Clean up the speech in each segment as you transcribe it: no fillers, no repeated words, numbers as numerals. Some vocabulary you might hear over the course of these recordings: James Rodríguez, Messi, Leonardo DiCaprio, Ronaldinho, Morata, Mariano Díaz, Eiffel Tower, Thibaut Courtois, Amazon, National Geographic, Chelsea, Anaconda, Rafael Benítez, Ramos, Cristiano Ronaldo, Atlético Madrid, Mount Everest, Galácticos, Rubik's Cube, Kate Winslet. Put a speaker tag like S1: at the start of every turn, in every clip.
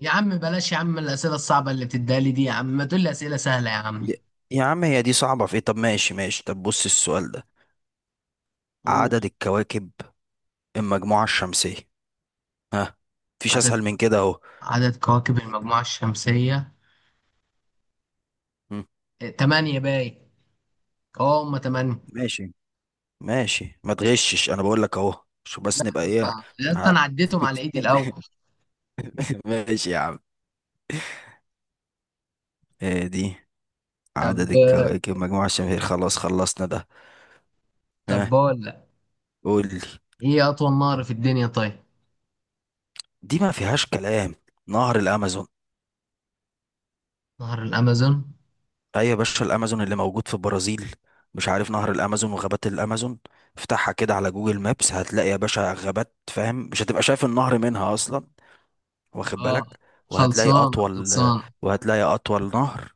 S1: يا عم بلاش يا عم الأسئلة الصعبة اللي بتديها لي دي يا عم، ما تقول لي أسئلة سهلة يا عم.
S2: يا يا عم، هي دي صعبة في ايه؟ طب ماشي ماشي، طب بص السؤال ده،
S1: قول.
S2: عدد الكواكب المجموعة الشمسية. ها، مفيش
S1: عدد
S2: اسهل من كده اهو.
S1: عدد كواكب المجموعة الشمسية.
S2: مم.
S1: إيه، تمانية باي. اه، هما تمانية.
S2: ماشي ماشي، ما تغشش انا بقول لك اهو. شو
S1: لا
S2: بس نبقى
S1: يا
S2: ايه؟
S1: اسطى يا اسطى،
S2: ها.
S1: أنا عديتهم على إيدي الأول.
S2: ماشي يا عم. إيه دي؟
S1: طب
S2: عدد الكواكب المجموعة الشمسية خلاص، خلصنا ده.
S1: طب
S2: ها،
S1: بقول لك،
S2: قول لي.
S1: إيه أطول نهر في الدنيا؟ طيب.
S2: دي ما فيهاش كلام، نهر الامازون.
S1: نهر الأمازون.
S2: ايوه يا باشا، الامازون اللي موجود في البرازيل، مش عارف نهر الامازون وغابات الامازون. افتحها كده على جوجل مابس، هتلاقي يا باشا غابات، فاهم؟ مش هتبقى شايف النهر منها اصلا، واخد
S1: اه،
S2: بالك؟ وهتلاقي
S1: خلصان
S2: اطول
S1: خلصان.
S2: وهتلاقي اطول نهر،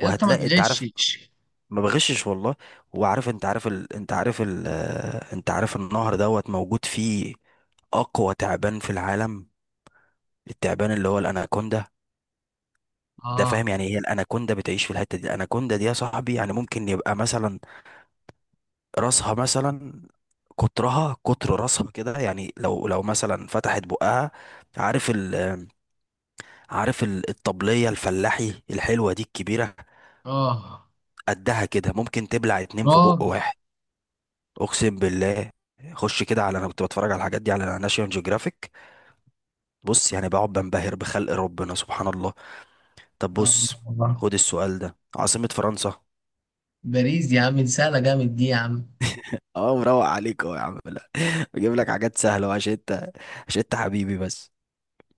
S1: يا اسطى ما
S2: انت عارف،
S1: تغشش.
S2: ما بغشش والله. انت عارف النهر دوت موجود فيه اقوى تعبان في العالم، التعبان اللي هو الاناكوندا ده،
S1: اه.
S2: فاهم؟ يعني هي الاناكوندا بتعيش في الحته دي، الاناكوندا دي يا صاحبي يعني ممكن يبقى مثلا راسها، مثلا قطرها قطر راسها كده، يعني لو مثلا فتحت بقها، عارف ال عارف الطبلية الفلاحي الحلوة دي الكبيرة،
S1: اه.
S2: قدها كده ممكن تبلع اتنين في بق
S1: رابع.
S2: واحد، أقسم بالله. خش كده على، أنا كنت بتفرج على الحاجات دي على ناشيونال جيوغرافيك، بص يعني بقعد بنبهر بخلق ربنا سبحان الله. طب
S1: آه.
S2: بص، خد السؤال ده، عاصمة فرنسا.
S1: باريس يا عم، دي سهلة جامد دي يا عم.
S2: اه مروق عليك اهو يا عم، لا بجيب لك حاجات سهلة عشان انت حبيبي بس.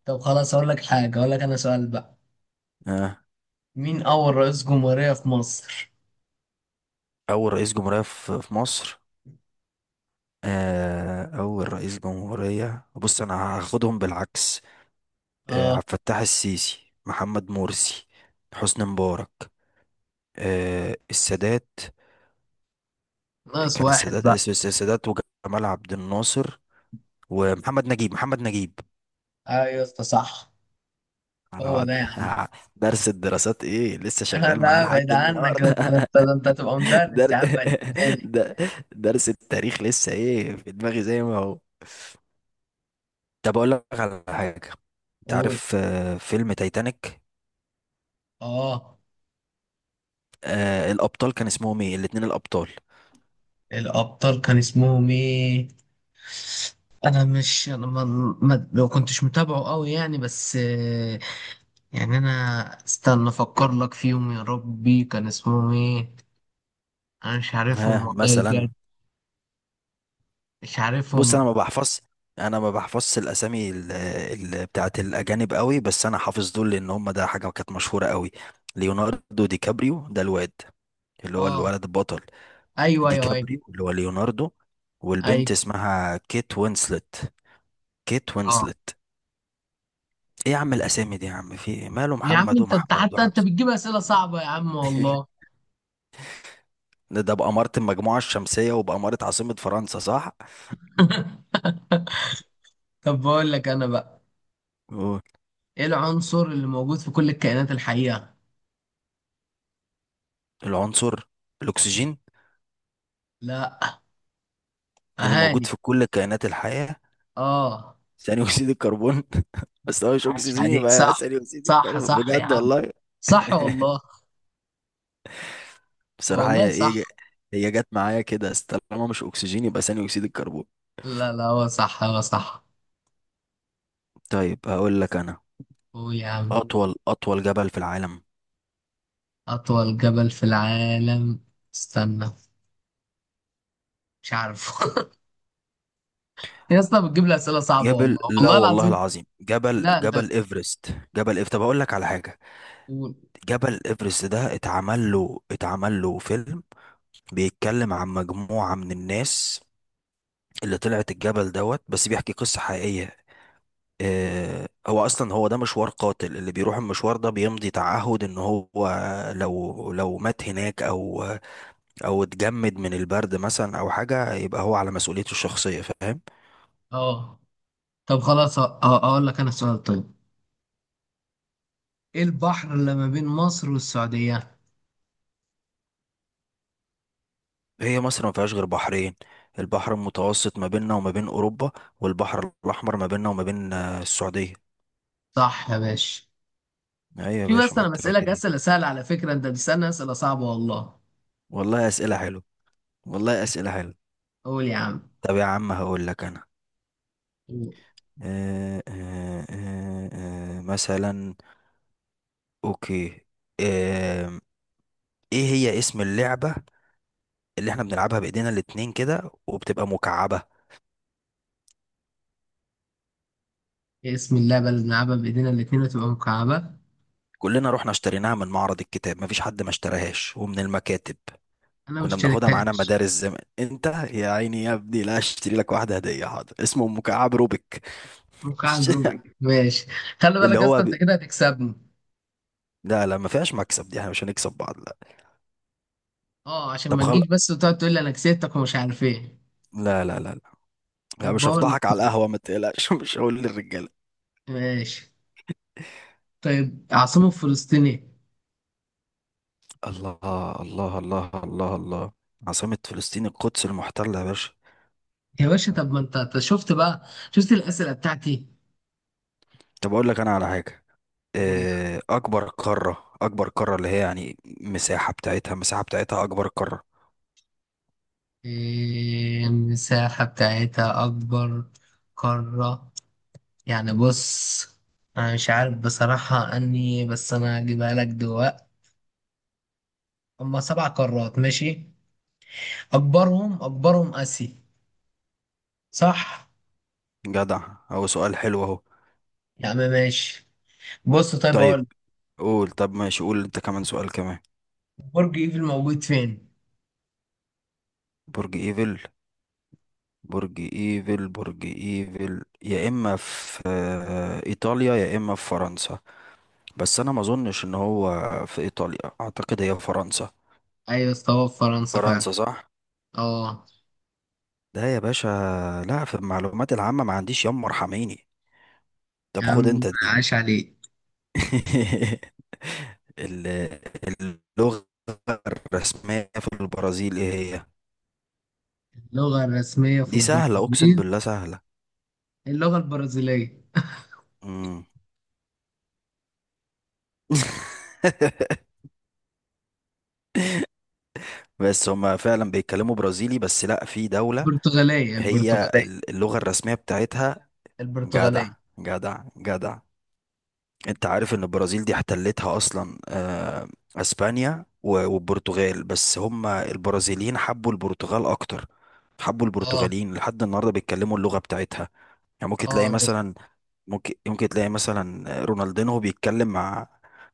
S1: طب خلاص، أقول لك حاجة، أقول لك أنا سؤال بقى. مين أول رئيس جمهورية في مصر؟
S2: اول رئيس جمهورية في مصر، اول رئيس جمهورية بص انا هاخدهم بالعكس.
S1: آه.
S2: عبد الفتاح السيسي، محمد مرسي، حسني مبارك، السادات.
S1: ناقص
S2: كان
S1: واحد
S2: السادات
S1: بقى.
S2: الس- الس- السادات وجمال عبد الناصر، ومحمد نجيب.
S1: أيوة أسطى، صح.
S2: على
S1: هو ده
S2: وعد
S1: يا عم.
S2: درس الدراسات ايه لسه
S1: آه،
S2: شغال معاه
S1: لا بعيد
S2: لحد
S1: عنك،
S2: النهارده.
S1: ده أنت، ده أنت، ده أنت هتبقى مدرس
S2: در...
S1: يا عم هتديني.
S2: در... درس التاريخ لسه ايه في دماغي زي ما هو. طب اقول لك على حاجه، انت
S1: قول.
S2: عارف فيلم تايتانيك؟
S1: آه،
S2: الابطال كان اسمهم ايه، الاتنين الابطال؟
S1: الأبطال كان اسمهم إيه؟ أنا مش، أنا ما كنتش متابعه أوي يعني، بس آه، يعني أنا استنى أفكر لك فيهم، يا ربي كان اسمهم إيه؟ أنا مش عارفهم
S2: ها
S1: والله
S2: مثلا،
S1: بجد. مش
S2: بص
S1: عارفهم.
S2: انا ما بحفظش الاسامي بتاعت الاجانب قوي، بس انا حافظ دول لان هم ده حاجه كانت مشهوره قوي. ليوناردو دي كابريو ده الواد اللي هو
S1: آه،
S2: الولد البطل،
S1: أيوه
S2: دي
S1: أيوه أيوه
S2: كابريو اللي هو ليوناردو،
S1: أيوه.
S2: والبنت اسمها كيت وينسلت، كيت
S1: آه.
S2: وينسلت. ايه يا عم الاسامي دي يا عم، في إيه؟ ماله
S1: يا عم
S2: محمد
S1: انت
S2: ومحمود
S1: حتى انت
S2: وحمزه؟
S1: بتجيب اسئله صعبه يا عم والله.
S2: ده بأمارة المجموعة الشمسية وبأمارة عاصمة فرنسا، صح؟
S1: طب بقول لك انا بقى،
S2: أوه.
S1: ايه العنصر اللي موجود في كل الكائنات الحيه؟
S2: العنصر الأكسجين،
S1: لا.
S2: اللي
S1: اهاني.
S2: موجود في كل كائنات الحياة.
S1: اه.
S2: ثاني أكسيد الكربون. بس هو مش
S1: عاش
S2: أكسجين
S1: عليك،
S2: يبقى
S1: صح.
S2: ثاني أكسيد
S1: صح
S2: الكربون،
S1: صح يا
S2: بجد
S1: عم،
S2: والله.
S1: صح والله.
S2: بصراحة
S1: والله
S2: هي هي
S1: صح.
S2: هي جت معايا كده، بس طالما مش أكسجين يبقى ثاني أكسيد الكربون.
S1: لا لا، هو صح، هو صح.
S2: طيب هقول لك أنا،
S1: هو يا عم،
S2: أطول جبل في العالم.
S1: اطول جبل في العالم. استنى. مش عارف. يا اسطى بتجيب لي اسئله صعبه، والله
S2: جبل، لا
S1: والله
S2: والله
S1: العظيم.
S2: العظيم، جبل
S1: لا انت.
S2: جبل إيفرست. جبل إيف طب أقول لك على حاجة،
S1: قول.
S2: جبل إيفرست ده اتعمل له فيلم بيتكلم عن مجموعة من الناس اللي طلعت الجبل دوت، بس بيحكي قصة حقيقية. هو اصلا هو ده مشوار قاتل، اللي بيروح المشوار ده بيمضي تعهد ان هو لو مات هناك او اتجمد من البرد مثلا او حاجة، يبقى هو على مسؤوليته الشخصية، فاهم.
S1: اه. طب خلاص، اه اقول لك انا سؤال طيب. ايه البحر اللي ما بين مصر والسعودية؟
S2: هي مصر ما فيهاش غير بحرين، البحر المتوسط ما بيننا وما بين اوروبا، والبحر الاحمر ما بيننا وما بين السعودية.
S1: صح يا باشا.
S2: ايوه يا
S1: في،
S2: باشا،
S1: بس
S2: ما
S1: انا
S2: انت
S1: بسألك
S2: فاكر ايه.
S1: اسئلة سهلة على فكرة، انت بتسألني اسئلة صعبة والله.
S2: والله اسئلة حلوة، والله اسئلة حلوة
S1: قول يا عم.
S2: طب يا عم هقول لك انا، مثلا، اوكي، آه ايه هي اسم اللعبة اللي احنا بنلعبها بايدينا الاتنين كده وبتبقى مكعبة؟
S1: بسم الله، بلد نلعبها بايدينا الاتنين وتبقى مكعبة.
S2: كلنا رحنا اشتريناها من معرض الكتاب، مفيش حد ما اشتراهاش، ومن المكاتب
S1: انا مش
S2: كنا بناخدها معانا
S1: شاركهاش.
S2: مدارس زمان، انت يا عيني يا ابني لا اشتري لك واحدة هدية، حاضر. اسمه مكعب روبيك.
S1: مكعب روبيك، ماشي. خلي
S2: اللي
S1: بالك،
S2: هو
S1: اصلا انت
S2: بي...
S1: كده هتكسبني.
S2: لا لا، ما فيهاش مكسب دي، احنا مش هنكسب بعض، لا.
S1: اه، عشان
S2: طب
S1: ما
S2: خل...
S1: تجيش بس وتقعد تقول لي انا كسبتك ومش عارف ايه.
S2: لا لا لا لا، لا،
S1: طب
S2: مش
S1: بقول لك،
S2: هفضحك على
S1: طيب
S2: القهوة، ما تقلقش مش هقول للرجالة.
S1: ماشي. طيب، عاصمة فلسطين ايه؟
S2: الله الله الله الله الله. عاصمة فلسطين القدس المحتلة يا باشا.
S1: يا باشا، طب ما انت، أنت شفت بقى، شفت الاسئلة بتاعتي.
S2: طب أقول لك أنا على حاجة،
S1: قول.
S2: أكبر قارة، اللي هي يعني مساحة بتاعتها، أكبر قارة.
S1: إيه، المساحة بتاعتها أكبر قارة؟ يعني بص، أنا مش عارف بصراحة، أني بس أنا هجيبها لك دلوقتي. هما سبع قارات، ماشي. أكبرهم أكبرهم آسيا. صح.
S2: جدع، أهو سؤال حلو أهو.
S1: يا عم ماشي. بص طيب، أقول لك،
S2: طيب قول، طب ماشي، قول أنت كمان سؤال كمان.
S1: برج إيفل موجود فين؟
S2: برج إيفل برج إيفل يا إما في إيطاليا يا إما في فرنسا، بس أنا ما أظنش إن هو في إيطاليا، أعتقد هي فرنسا.
S1: أيوة استوى، في فرنسا فعلا.
S2: فرنسا صح؟
S1: أه.
S2: ده يا باشا، لا في المعلومات العامة ما عنديش، يما ارحميني،
S1: يا
S2: طب خد
S1: عم
S2: انت دي.
S1: عاش عليك.
S2: ال- اللغة الرسمية في البرازيل ايه هي؟
S1: اللغة الرسمية في
S2: دي سهلة اقسم
S1: البرازيل.
S2: بالله سهلة.
S1: اللغة البرازيلية.
S2: مم. بس هما فعلا بيتكلموا برازيلي، بس لا في دولة،
S1: البرتغالية،
S2: هي
S1: البرتغالية،
S2: اللغة الرسمية بتاعتها. جدع
S1: البرتغالية.
S2: جدع جدع. انت عارف ان البرازيل دي احتلتها اصلا اسبانيا والبرتغال، بس هم البرازيليين حبوا البرتغال اكتر، حبوا
S1: أه.
S2: البرتغاليين، لحد النهارده بيتكلموا اللغه بتاعتها. يعني
S1: اه،
S2: ممكن تلاقي مثلا رونالدينهو بيتكلم مع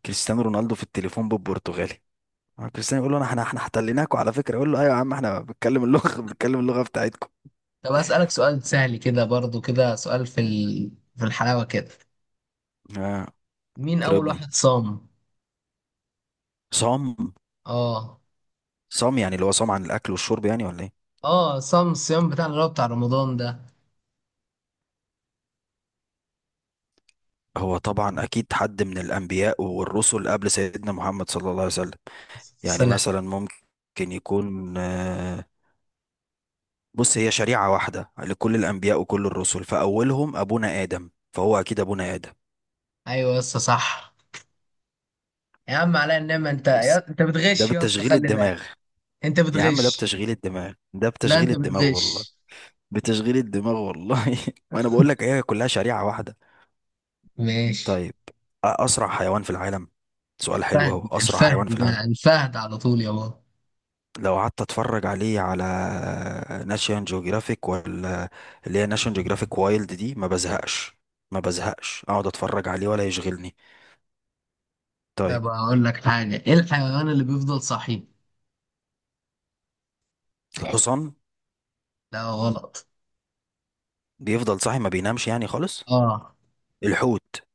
S2: كريستيانو رونالدو في التليفون بالبرتغالي، كريستيانو يقول له، انا احنا احنا احتليناكوا على فكره، يقول له ايوه يا عم احنا بنتكلم اللغه بنتكلم اللغه بتاعتكم.
S1: طب أسألك سؤال سهل كده، برضو كده سؤال في في الحلاوة كده،
S2: اه،
S1: مين أول
S2: تربني.
S1: واحد صام؟
S2: صام،
S1: آه.
S2: صام يعني اللي هو صام عن الاكل والشرب يعني، ولا ايه؟
S1: آه، صام الصيام بتاع اللي هو بتاع رمضان ده.
S2: هو طبعا اكيد حد من الانبياء والرسل قبل سيدنا محمد صلى الله عليه وسلم، يعني
S1: السلام.
S2: مثلا ممكن يكون بص هي شريعة واحدة لكل الانبياء وكل الرسل، فاولهم ابونا ادم، فهو اكيد ابونا ادم.
S1: أيوة يا اسطى، صح. يا عم عليا النعمة، أنت
S2: بص
S1: أنت
S2: ده
S1: بتغش يا اسطى،
S2: بتشغيل
S1: خلي بالك.
S2: الدماغ،
S1: أنت
S2: يا عم ده
S1: بتغش.
S2: بتشغيل الدماغ ده
S1: لا،
S2: بتشغيل
S1: أنت
S2: الدماغ والله،
S1: بتغش.
S2: بتشغيل الدماغ والله وانا بقول لك هي كلها شريعة واحدة.
S1: ماشي.
S2: طيب اسرع حيوان في العالم، سؤال حلو
S1: الفهد،
S2: اهو، اسرع
S1: الفهد
S2: حيوان في العالم.
S1: ده، الفهد على طول يا بابا.
S2: لو قعدت اتفرج عليه على ناشيون جيوغرافيك ولا اللي هي ناشيون جيوغرافيك وايلد، دي ما بزهقش، ما بزهقش اقعد اتفرج عليه ولا يشغلني. طيب،
S1: طيب أقول لك حاجة، إيه الحيوان اللي بيفضل صحي؟
S2: الحصان.
S1: لا غلط.
S2: بيفضل صاحي، ما بينامش يعني خالص.
S1: آه
S2: الحوت.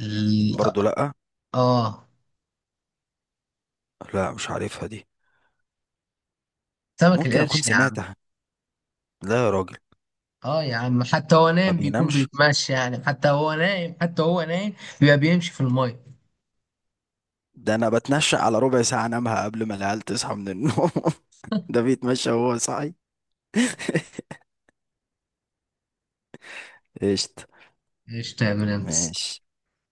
S1: ال...
S2: برضو لا،
S1: آه
S2: لا مش عارفها دي،
S1: سمك
S2: ممكن اكون
S1: القرش يا عم.
S2: سمعتها. لا يا راجل،
S1: اه يا عم، حتى هو
S2: ما
S1: نايم بيكون
S2: بينامش؟
S1: بيتمشى يعني، حتى هو نايم، حتى هو نايم، بيبقى بيمشي في المية.
S2: ده انا بتنشأ على ربع ساعة انامها قبل ما العيال تصحى من النوم. ده بيتمشى وهو صاحي. قشطة.
S1: ايش تعمل انت؟
S2: ماشي.